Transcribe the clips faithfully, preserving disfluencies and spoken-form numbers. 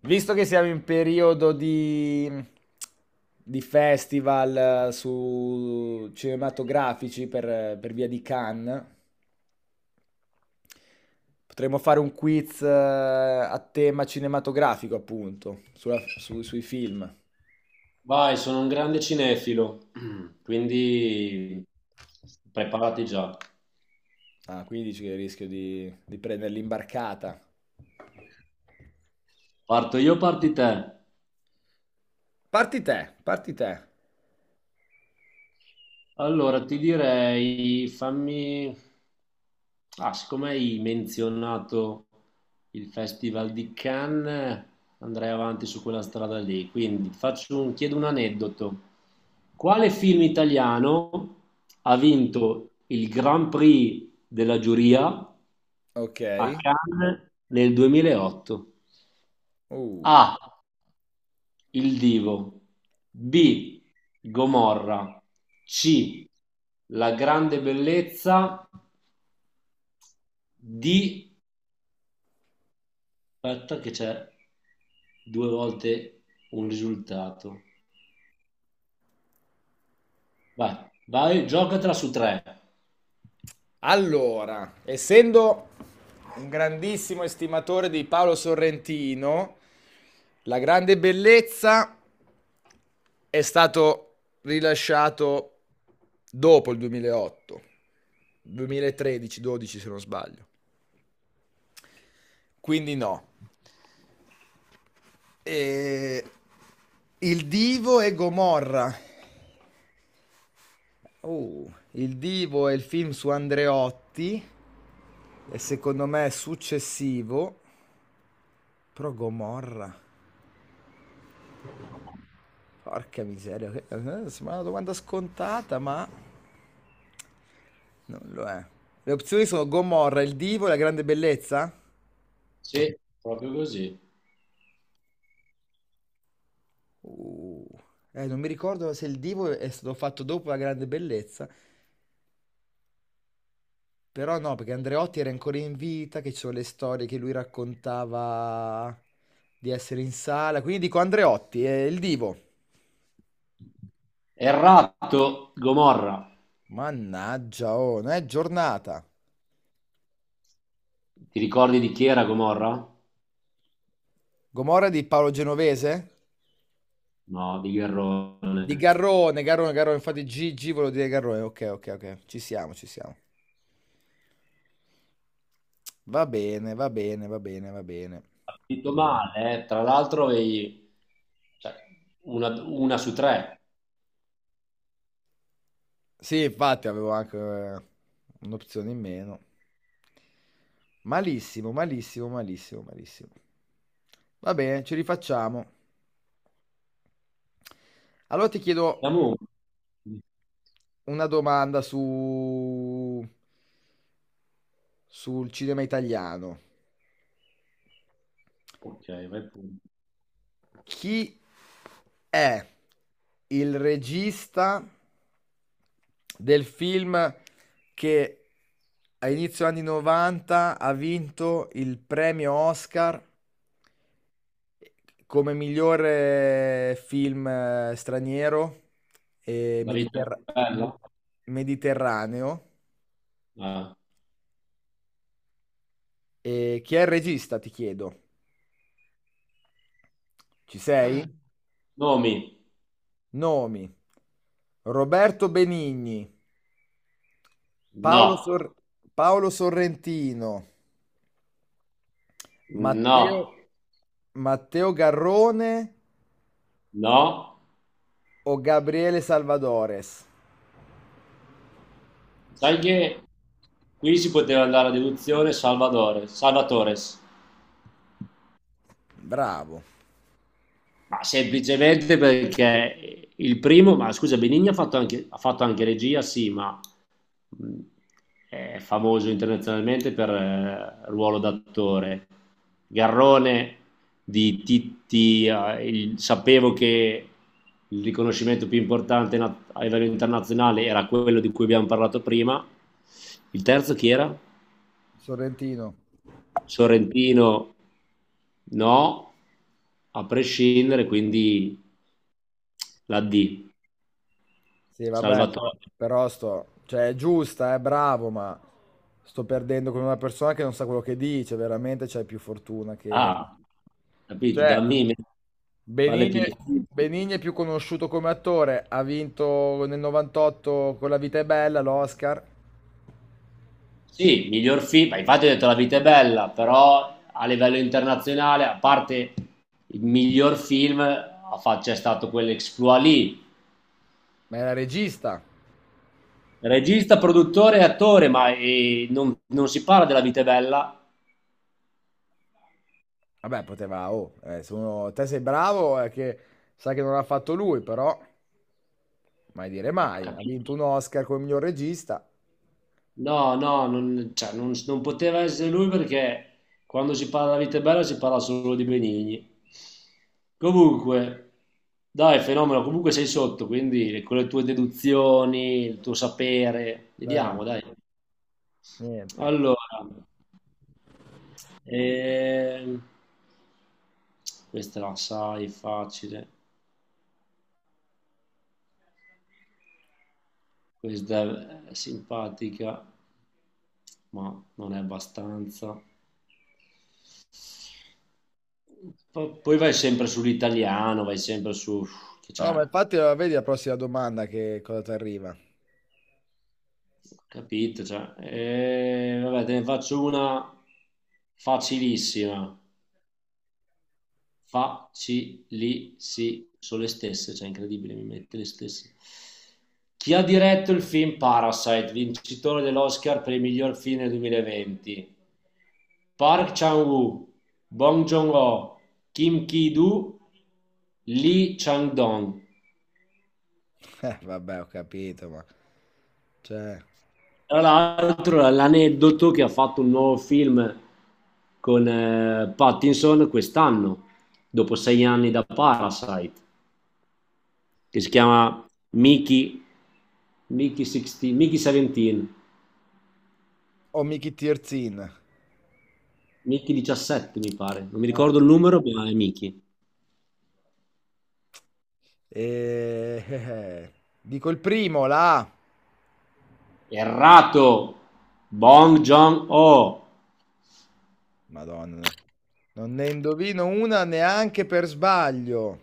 Visto che siamo in periodo di, di festival eh, su cinematografici per, eh, per via di Cannes, potremmo fare un quiz eh, a tema cinematografico, appunto, sulla- su- sui film. Vai, sono un grande cinefilo, quindi preparati già. Ah, quindi dici che rischio di, di prendere l'imbarcata. Parto io, parti te. Parti te, parti te. Allora, ti direi, fammi... Ah, siccome hai menzionato il Festival di Cannes, andrei avanti su quella strada lì. Quindi ti faccio un... chiedo un aneddoto. Quale film italiano ha vinto il Grand Prix della giuria a Ok. Cannes nel duemilaotto? Uh. A. Il Divo. B. Gomorra. C. La grande bellezza. D. Aspetta, che c'è due volte un risultato. Vai, vai, giocatela su tre. Allora, essendo un grandissimo estimatore di Paolo Sorrentino, La grande bellezza è stato rilasciato dopo il duemilaotto, duemilatredici-dodici se non sbaglio. Quindi no. E... Il Divo e Gomorra. Oh, il Divo è il film su Andreotti e secondo me è successivo, però Gomorra. Porca miseria, che- eh, eh, sembra una domanda scontata, ma non lo è. Le opzioni sono Gomorra, il divo e la grande bellezza? Sì, proprio così. Uh, eh, Non mi ricordo se il divo è stato fatto dopo la grande bellezza, però no, perché Andreotti era ancora in vita, che ci sono le storie che lui raccontava di essere in sala, quindi dico Andreotti, è il divo. Errato, Gomorra. Mannaggia, oh, non è giornata. Ti ricordi di chi era Gomorra? Gomorra di Paolo Genovese? No, di Di Gherrone. Garrone, Garrone, Garrone, infatti Gigi volevo dire Garrone, ok, ok, ok, ci siamo, ci siamo. Va bene, va bene, va bene, va bene. Partito male, eh. Tra l'altro avevi, cioè, una, una su tre. Sì, infatti avevo anche eh, un'opzione in meno. Malissimo, malissimo, malissimo, malissimo. Va bene, ci rifacciamo. Allora ti chiedo Siamo... una domanda su... sul cinema italiano. Ok, vai pure. Chi è il regista del film che a inizio anni novanta ha vinto il premio Oscar come migliore film eh, straniero e La vita mediterra- è me- bella? mediterraneo? Ah. E chi è il regista, ti chiedo? Ci sei? Nomi? Nomi. Roberto Benigni, Paolo, No, Sor- Paolo Sorrentino, Matteo, no, Matteo Garrone no. o Gabriele Salvadores? Sai che qui si poteva andare a deduzione, Salvatore, Salvatores, Bravo. ma semplicemente perché il primo, ma scusa, Benigni ha fatto anche, ha fatto anche regia, sì, ma mh, è famoso internazionalmente per eh, ruolo d'attore. Garrone di Titti, eh, il- sapevo che il riconoscimento più importante na- a livello internazionale era quello di cui abbiamo parlato prima. Il terzo chi era? Sorrentino. Sorrentino, no, a prescindere, quindi la D, Sì, vabbè, Salvatore. però, però sto... cioè, è giusta, è bravo, ma sto perdendo con una persona che non sa quello che dice. Veramente c'hai più fortuna che... Ah, capito, da cioè, me vale Benigni, più di... Benigni è più conosciuto come attore. Ha vinto nel novantotto con La vita è bella l'Oscar, Sì, miglior film, ma infatti ho detto La vita è bella, però a livello internazionale, a parte il miglior film, ha fa- c'è stato quell'exploit lì. ma era regista. Regista, produttore e attore, ma eh, non, non si parla della vita è bella. Vabbè, poteva, oh, eh, se uno, te sei bravo, è che sa che non l'ha fatto lui, però mai dire Ma, mai. Ha capito? vinto un Oscar come miglior regista. No, no, non, cioè, non- non poteva essere lui perché quando si parla di vita è bella si parla solo di Benigni. Comunque, dai, fenomeno, comunque sei sotto, quindi con le tue deduzioni, il tuo sapere, Eh, vediamo, dai. niente. Allora, ehm, questa la sai, facile, questa è simpatica, ma non è abbastanza. Po- poi vai sempre sull'italiano, vai sempre su... che No, c'è, ma infatti, eh, vedi la prossima domanda che cosa ti arriva. capito? Cioè, eh, vabbè, te ne faccio una facilissima, facilissima, sono le stesse, cioè incredibile, mi mette le stesse. Chi ha diretto il film Parasite, vincitore dell'Oscar per il miglior film del duemilaventi? Park Chan-wook, Bong Joon-ho, Kim Ki-doo, Lee Chang-dong. Eh, vabbè, ho capito, ma... cioè. Tra l'altro, l'aneddoto che ha fatto un nuovo film con eh, Pattinson quest'anno, dopo sei anni da Parasite, che si chiama Mickey, Mickey, sedici, Mickey diciassette, Oh, Mickey Tirzin. Mickey diciassette mi pare, non mi Ah. ricordo il numero, ma è Mickey. Eh, eh, eh, Dico il primo, la A. Errato! Bong Joon-ho! Madonna. No. Non ne indovino una neanche per sbaglio.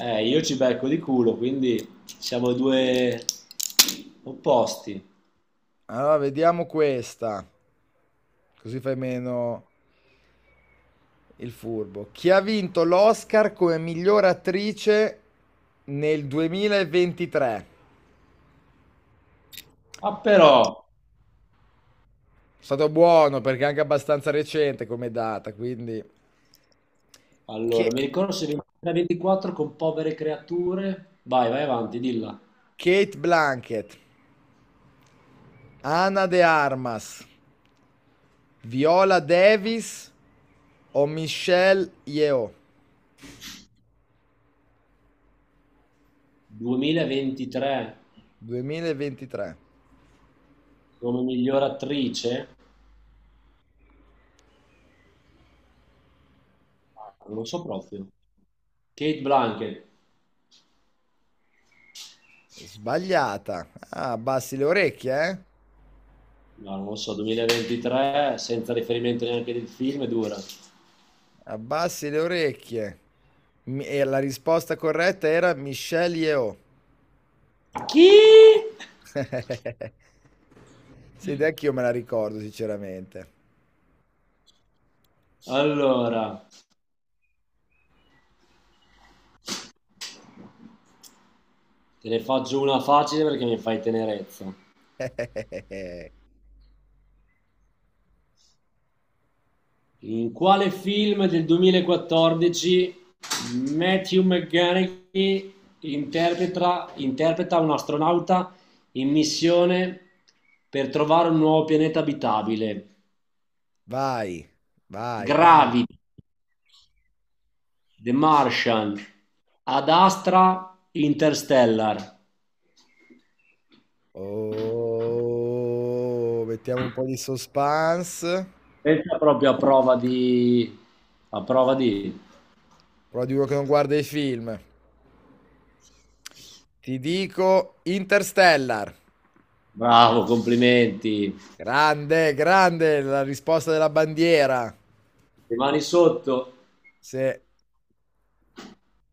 Eh, io ci becco di culo, quindi siamo due opposti. Allora, vediamo questa. Così fai meno il furbo. Chi ha vinto l'Oscar come miglior attrice nel duemilaventitré? Ma però... È stato buono perché è anche abbastanza recente come data, quindi Allora, mi Che- ricordo se ventitré ventiquattro con povere creature. Vai, vai avanti, dilla. Kate Blanket, Ana de Armas, Viola Davis o Michelle Yeoh duemilaventitré duemilaventitré. come miglior attrice? Ah, non lo so proprio. Kate Blanchett. Sbagliata. Ah, abbassi le orecchie, eh? No, non lo so, duemilaventitré senza riferimento neanche del film è dura. Abbassi le orecchie. Mi- E la risposta corretta era Michelle Yeoh. Chi? Sì, ed anch'io me la ricordo sinceramente. Allora, te ne faccio una facile perché mi fai tenerezza. In quale film del duemilaquattordici Matthew McConaughey interpreta, interpreta un astronauta in missione per trovare un nuovo pianeta abitabile? Vai, vai, vai. Gravity, The Martian, Ad Astra, Interstellar. Oh, mettiamo un po' di suspense. Questa è proprio a prova di... a prova di... Però di uno che non guarda i film. Ti dico Interstellar. Bravo, complimenti. Grande, grande la risposta della bandiera. Le mani sotto. Sì.